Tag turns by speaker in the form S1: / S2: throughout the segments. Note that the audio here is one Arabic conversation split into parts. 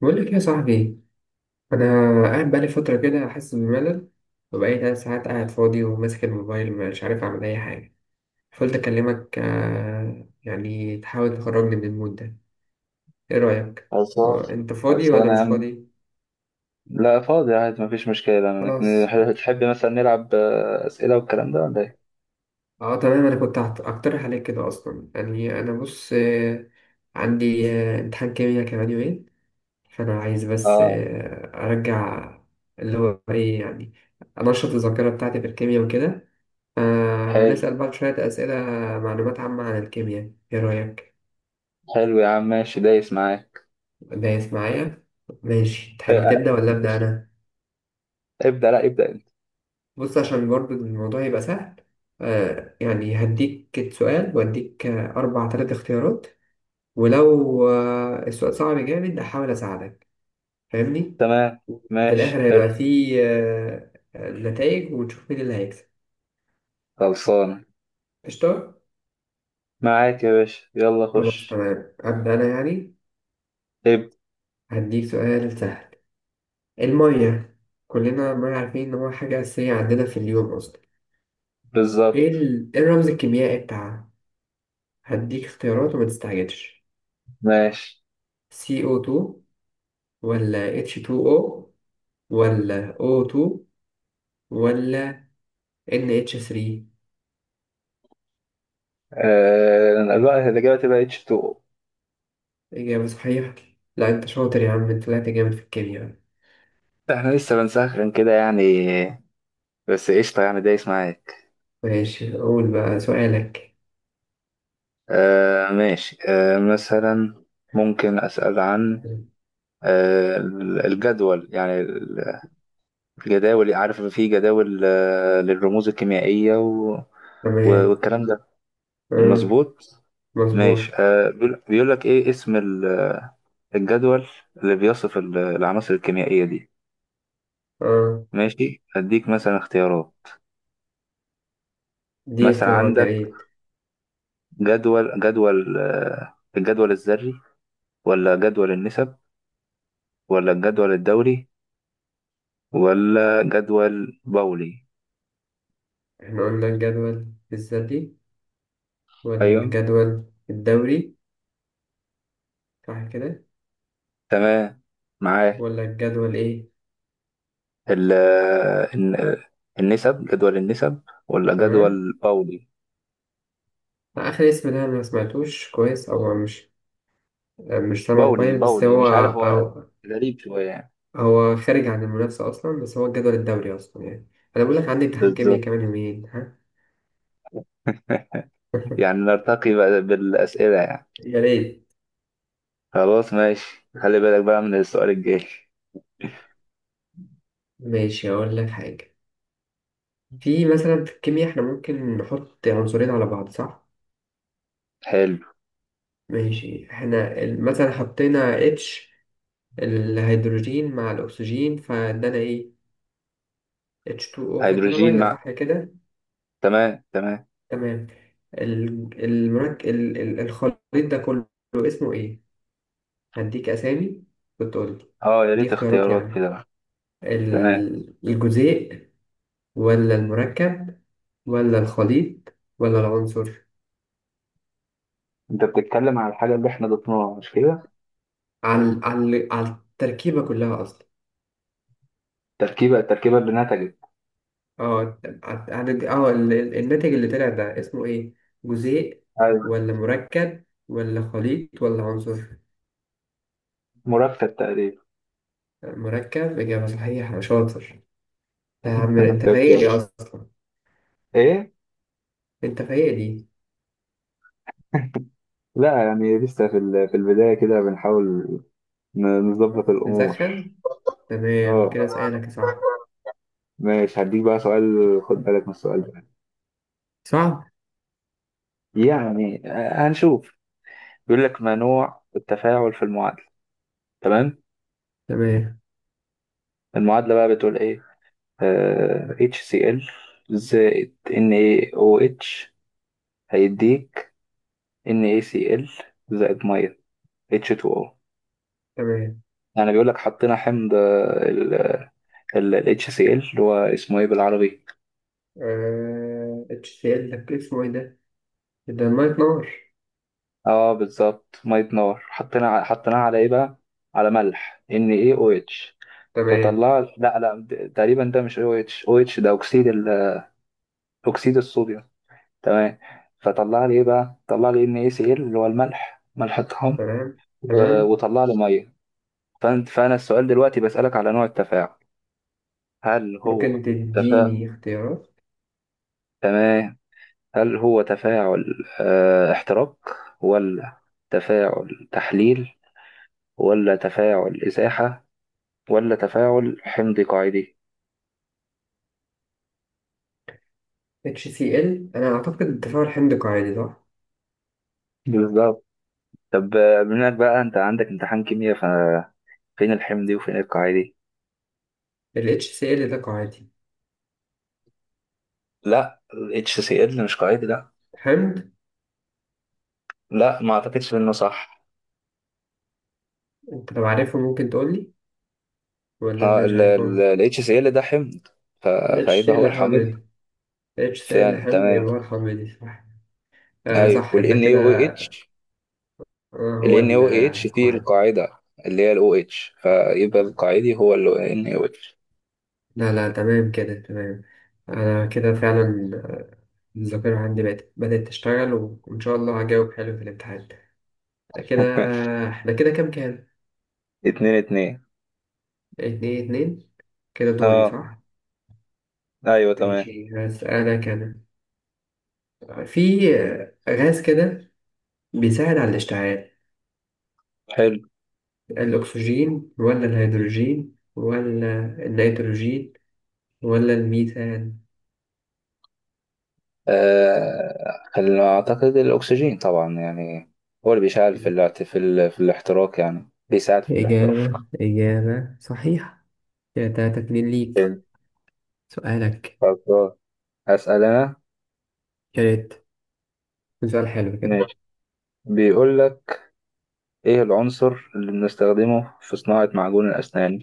S1: بقول لك يا صاحبي، انا قاعد بقالي فتره كده حاسس بملل. وبقالي ثلاث ساعات قاعد فاضي وماسك الموبايل مش عارف اعمل اي حاجه، فقلت اكلمك يعني تحاول تخرجني من المود ده. ايه رايك؟
S2: خلصان
S1: انت فاضي
S2: خلصان
S1: ولا
S2: يا
S1: مش
S2: عم.
S1: فاضي؟
S2: لا، فاضي عادي، مفيش مشكلة أنا، لكن
S1: خلاص.
S2: تحب مثلا نلعب أسئلة والكلام ده ولا إيه؟
S1: اه تمام، انا كنت اقترح عليك كده اصلا، يعني انا بص، عندي امتحان كيمياء كمان يومين، فانا عايز بس
S2: آه،
S1: ارجع. اللي هو ايه يعني؟ انشط الذاكره بتاعتي في الكيمياء وكده.
S2: حلو.
S1: نسأل بعض شوية أسئلة، معلومات عامة عن الكيمياء. إيه رأيك؟
S2: حلو يا عم، ماشي، دايس معاك.
S1: دايس معايا؟ ماشي،
S2: آه،
S1: تحب
S2: آه،
S1: تبدأ ولا أبدأ أنا؟
S2: ابدأ، لا ابدأ أنت.
S1: بص، عشان برضو الموضوع يبقى سهل، يعني هديك سؤال وأديك أربع تلات اختيارات. ولو السؤال صعب جامد أحاول أساعدك، فاهمني؟
S2: تمام،
S1: وفي
S2: ماشي،
S1: الآخر هيبقى
S2: حلو.
S1: فيه نتائج ونشوف مين اللي هيكسب.
S2: خلصان،
S1: قشطة؟
S2: معاك يا باشا، يلا
S1: خلاص
S2: خش.
S1: تمام، أبدأ أنا يعني.
S2: ابدأ.
S1: هديك سؤال سهل. المية كلنا ما عارفين إن هو حاجة أساسية عندنا في اليوم أصلا.
S2: بالظبط.
S1: إيه الرمز الكيميائي بتاعها؟ هديك اختيارات وما تستعجلش.
S2: ماشي
S1: CO2 ولا H2O ولا O2 ولا NH3؟
S2: الوقت الإجابة تبقى اتش 2 او.
S1: إجابة صحيحة. لا أنت شاطر يا عم، أنت طلعت جامد في الكيمياء.
S2: احنا لسه بنسخن كده يعني، بس قشطة يعني، دايس معاك.
S1: ماشي، قول بقى سؤالك.
S2: آه، ماشي، مثلا ممكن أسأل عن آه، الجدول يعني. الجداول، عارف، في جداول للرموز الكيميائية
S1: تمام.
S2: والكلام ده.
S1: أه.
S2: مظبوط.
S1: مظبوط.
S2: ماشي، بيقول لك ايه اسم الجدول اللي بيصف العناصر الكيميائية دي.
S1: أه.
S2: ماشي، اديك مثلا اختيارات.
S1: دي
S2: مثلا
S1: اختيارات يا
S2: عندك
S1: ريت.
S2: جدول الجدول الذري، ولا جدول النسب، ولا الجدول الدوري، ولا جدول بولي.
S1: إحنا قلنا الجدول الذاتي ولا
S2: ايوه،
S1: الجدول الدوري؟ صح كده.
S2: تمام، معاك.
S1: ولا الجدول ايه؟
S2: ال الن- النسب، جدول النسب، ولا
S1: تمام.
S2: جدول باولي
S1: اخر اسم ده أنا ما سمعتوش كويس، او مش سامعه
S2: باولي
S1: كويس، بس
S2: باولي
S1: هو
S2: مش عارف، هو
S1: أو...
S2: غريب شوية يعني.
S1: هو خارج عن المنافسه اصلا، بس هو الجدول الدوري اصلا يعني. انا بقول لك عندي امتحان كيمياء كمان
S2: بالظبط.
S1: يومين، ها.
S2: يعني نرتقي بقى بالأسئلة يعني.
S1: يا ريت.
S2: خلاص، ماشي، خلي بالك بقى من السؤال الجاي.
S1: ماشي، اقول لك حاجه. في مثلا في الكيمياء احنا ممكن نحط عنصرين على بعض، صح؟
S2: حلو.
S1: ماشي، احنا مثلا حطينا اتش، الهيدروجين مع الاكسجين، فادانا ايه؟ H2O، فادانا
S2: هيدروجين
S1: ميه
S2: مع.
S1: صح كده.
S2: تمام، تمام.
S1: تمام. الخليط ده كله اسمه ايه؟ هديك اسامي وتقول لي.
S2: اه، يا
S1: دي
S2: ريت
S1: اختيارات
S2: اختيارات
S1: يعني:
S2: كده بقى. تمام،
S1: الجزيء ولا المركب ولا الخليط ولا العنصر؟
S2: انت بتتكلم على الحاجة اللي احنا ضفناها، مش كده؟
S1: على التركيبة كلها اصلا.
S2: التركيبة اللي نتجت.
S1: الناتج اللي طلع ده اسمه ايه؟ جزيء
S2: ايوه.
S1: ولا مركب ولا خليط ولا عنصر؟
S2: مركب تقريبا.
S1: مركب. إجابة صحيحة. شاطر يا عم، انت
S2: انت
S1: فايق لي
S2: كويس.
S1: اصلا.
S2: ايه؟
S1: انت في ايه دي؟
S2: لا، يعني لسه في البداية كده بنحاول نظبط الأمور.
S1: نسخن. تمام كده،
S2: اه،
S1: سؤالك يا صاحبي.
S2: ماشي، هديك بقى سؤال، خد بالك من السؤال ده.
S1: صح.
S2: يعني هنشوف. بيقول لك ما نوع التفاعل في المعادلة. تمام.
S1: تمام
S2: المعادلة بقى بتقول ايه؟ HCl زائد NaOH هيديك NaCl زائد مية H2O.
S1: تمام.
S2: يعني بيقول لك حطينا حمض ال HCl، اللي هو اسمه ايه بالعربي؟
S1: اتشال لك اسمه ايه ده؟ ده ميه نار.
S2: اه، بالظبط، مية نار. حطينا حطيناه على ايه بقى؟ على ملح NaOH.
S1: تمام
S2: فطلعت، لا لا، تقريبا ده مش او اتش، او اتش ده اكسيد اكسيد الصوديوم. تمام. فطلع لي ايه بقى؟ طلع لي ان اي سي ال، اللي هو الملح، ملح الطعام.
S1: تمام تمام.
S2: وطلع لي ميه. فانا السؤال دلوقتي بسألك على نوع التفاعل. هل هو
S1: ممكن
S2: تفاعل؟
S1: تديني اختيارات؟
S2: تمام. هل هو تفاعل احتراق، ولا تفاعل تحليل، ولا تفاعل ازاحه، ولا تفاعل حمض قاعدي؟
S1: HCl، انا اعتقد التفاعل حمض قاعدي، صح.
S2: بالظبط. طب بما انك بقى انت عندك امتحان كيمياء، فين الحمدي وفين القاعدي؟
S1: ال HCl ده قاعدي.
S2: لا، ال HCl مش قاعدي، لا.
S1: حمض.
S2: لا، ما اعتقدش انه صح.
S1: انت لو عارفه ممكن تقول لي، ولا انت
S2: اه،
S1: مش
S2: ال ال
S1: عارفهم؟
S2: ال HCl ده حمض. ف-
S1: ال
S2: فهيبقى هو
S1: HCl
S2: الحامض.
S1: حمض. HCl
S2: فعلا،
S1: حمض،
S2: تمام.
S1: يبقى هو الحمض صح. آه
S2: ايوه،
S1: صح
S2: وال
S1: انت كده.
S2: NaOH.
S1: آه
S2: ال
S1: هو
S2: NaOH فيه
S1: القاعدي.
S2: القاعدة اللي هي ال OH، فيبقى القاعدي هو ال NaOH.
S1: لا لا، تمام كده تمام. أنا كده فعلا الذاكرة عندي بقت بدأت تشتغل، وإن شاء الله هجاوب حلو في الامتحان كده. إحنا كده كام كام؟
S2: 2-2.
S1: اتنين اتنين. كده دوري،
S2: اه،
S1: صح؟
S2: ايوه، تمام.
S1: ماشي، هسألك أنا. في غاز كده بيساعد على الاشتعال،
S2: حلو.
S1: الأكسجين ولا الهيدروجين ولا النيتروجين ولا الميثان؟
S2: اعتقد الاكسجين طبعا يعني. هو اللي بيساعد في الاحتراق، يعني بيساعد في الاحتراق.
S1: إجابة صحيحة. كده تلاتة اتنين ليك.
S2: حلو.
S1: سؤالك.
S2: خلاص، هسأل أنا.
S1: يا ريت سؤال حلو كده.
S2: ماشي، بيقول لك إيه العنصر اللي بنستخدمه في صناعة معجون الأسنان؟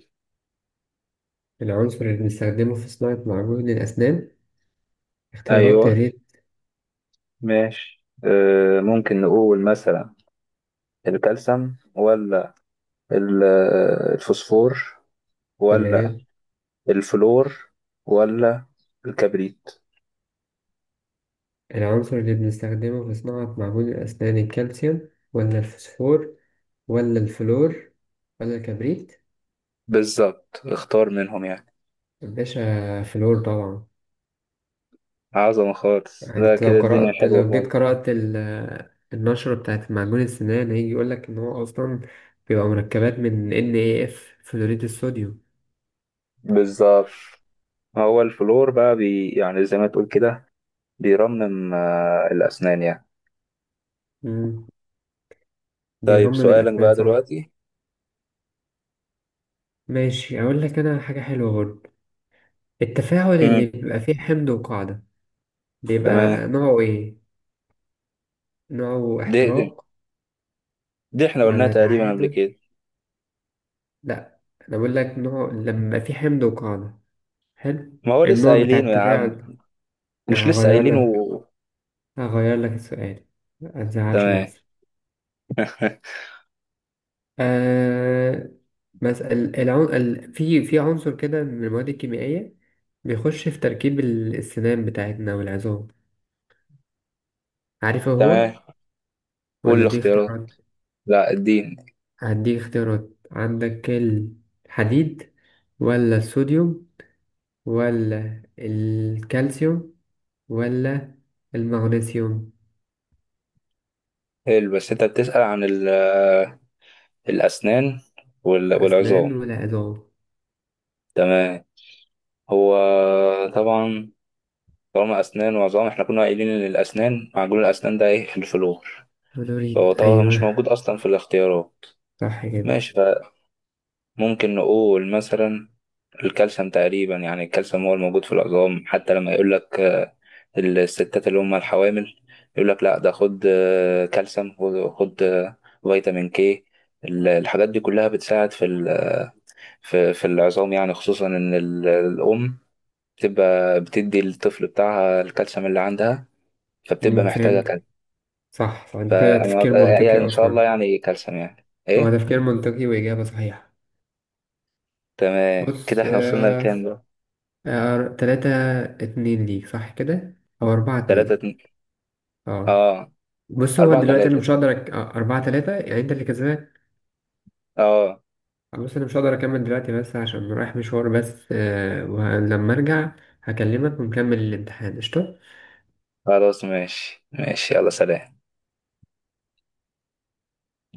S1: العنصر اللي بنستخدمه في صناعة معجون الأسنان؟ اختيارات يا
S2: أيوه.
S1: ريت.
S2: ماشي، ممكن نقول مثلا الكالسيوم، ولا الفوسفور، ولا
S1: تمام.
S2: الفلور، ولا الكبريت.
S1: العنصر اللي بنستخدمه في صناعة معجون الأسنان، الكالسيوم ولا الفوسفور ولا الفلور ولا الكبريت؟
S2: بالظبط، اختار منهم يعني.
S1: يا باشا فلور طبعا.
S2: عظمة خالص،
S1: يعني
S2: لا
S1: انت لو
S2: كده الدنيا
S1: قرأت
S2: حلوة
S1: لو جيت
S2: خالص.
S1: قرأت ال- النشرة بتاعت معجون السنان، هيجي يقولك إن هو أصلا بيبقى مركبات من NAF، فلوريد الصوديوم.
S2: بالظبط، هو الفلور بقى بي، يعني زي ما تقول كده بيرمم الأسنان يعني.
S1: مم.
S2: طيب،
S1: بيرمم
S2: سؤالك
S1: الأسنان،
S2: بقى
S1: صح.
S2: دلوقتي.
S1: ماشي، أقول لك أنا حاجة حلوة برضه. التفاعل اللي
S2: مم.
S1: بيبقى فيه حمد وقاعدة
S2: تمام.
S1: بيبقى نوعه إيه؟ نوعه
S2: دي, دي,
S1: احتراق
S2: دي احنا قلناها
S1: ولا
S2: تقريبا قبل
S1: تعادل؟
S2: كده.
S1: لأ، أنا بقول لك نوع لما في حمد وقاعدة، حلو؟
S2: ما هو لسه
S1: النوع بتاع
S2: قايلينه يا عم،
S1: التفاعل، يعني
S2: مش لسه
S1: هغير
S2: قايلينه
S1: لك
S2: و...
S1: هغير لك السؤال، متزعلش
S2: تمام.
S1: نفسك. آه مثلا العن... ال... في في عنصر كده من المواد الكيميائية بيخش في تركيب السنان بتاعتنا والعظام، عارفه هو؟
S2: تمام، قول
S1: ولا دي اختيارات؟
S2: الاختيارات. لا الدين.
S1: هديك اختيارات، عندك الحديد ولا الصوديوم ولا الكالسيوم ولا المغنيسيوم؟
S2: حلو، بس انت بتسأل عن الأسنان
S1: لا أسنان
S2: والعظام.
S1: ولا عظام.
S2: تمام. هو طبعا، طالما أسنان وعظام، احنا كنا قايلين إن الأسنان، معجون الأسنان ده ايه؟ الفلور. فهو
S1: فلوريد،
S2: طبعا مش موجود
S1: أيوه.
S2: أصلا في الاختيارات.
S1: صح كده.
S2: ماشي. ممكن نقول مثلا الكالسيوم تقريبا، يعني الكالسيوم هو الموجود في العظام. حتى لما يقول لك الستات اللي هم الحوامل، يقول لك لا، ده خد كالسيوم، خد خد، فيتامين كي. الحاجات دي كلها بتساعد في العظام، يعني خصوصا ان الام بتبقى بتدي الطفل بتاعها الكالسيوم اللي عندها، فبتبقى محتاجة كالسيوم.
S1: فهمت. صح صح، ده كده
S2: فأنا
S1: تفكير
S2: يعني
S1: منطقي
S2: إن شاء الله،
S1: أصلا.
S2: يعني كالسيوم يعني
S1: هو
S2: إيه.
S1: تفكير منطقي وإجابة صحيحة.
S2: تمام، كده
S1: بص،
S2: إحنا وصلنا لكام بقى؟
S1: آه تلاتة اتنين ليك، صح كده. أو أربعة
S2: تلاتة
S1: اتنين.
S2: اتنين
S1: اه.
S2: آه،
S1: بص، هو
S2: أربعة
S1: دلوقتي أنا
S2: تلاتة
S1: مش
S2: ده.
S1: هقدر أربعة تلاتة، يعني أنت اللي كسبان.
S2: اه.
S1: بص انا مش هقدر اكمل دلوقتي بس عشان رايح مشوار، بس ولما ارجع هكلمك ونكمل الامتحان. قشطة.
S2: خلاص، ماشي، ماشي، يلا سلام.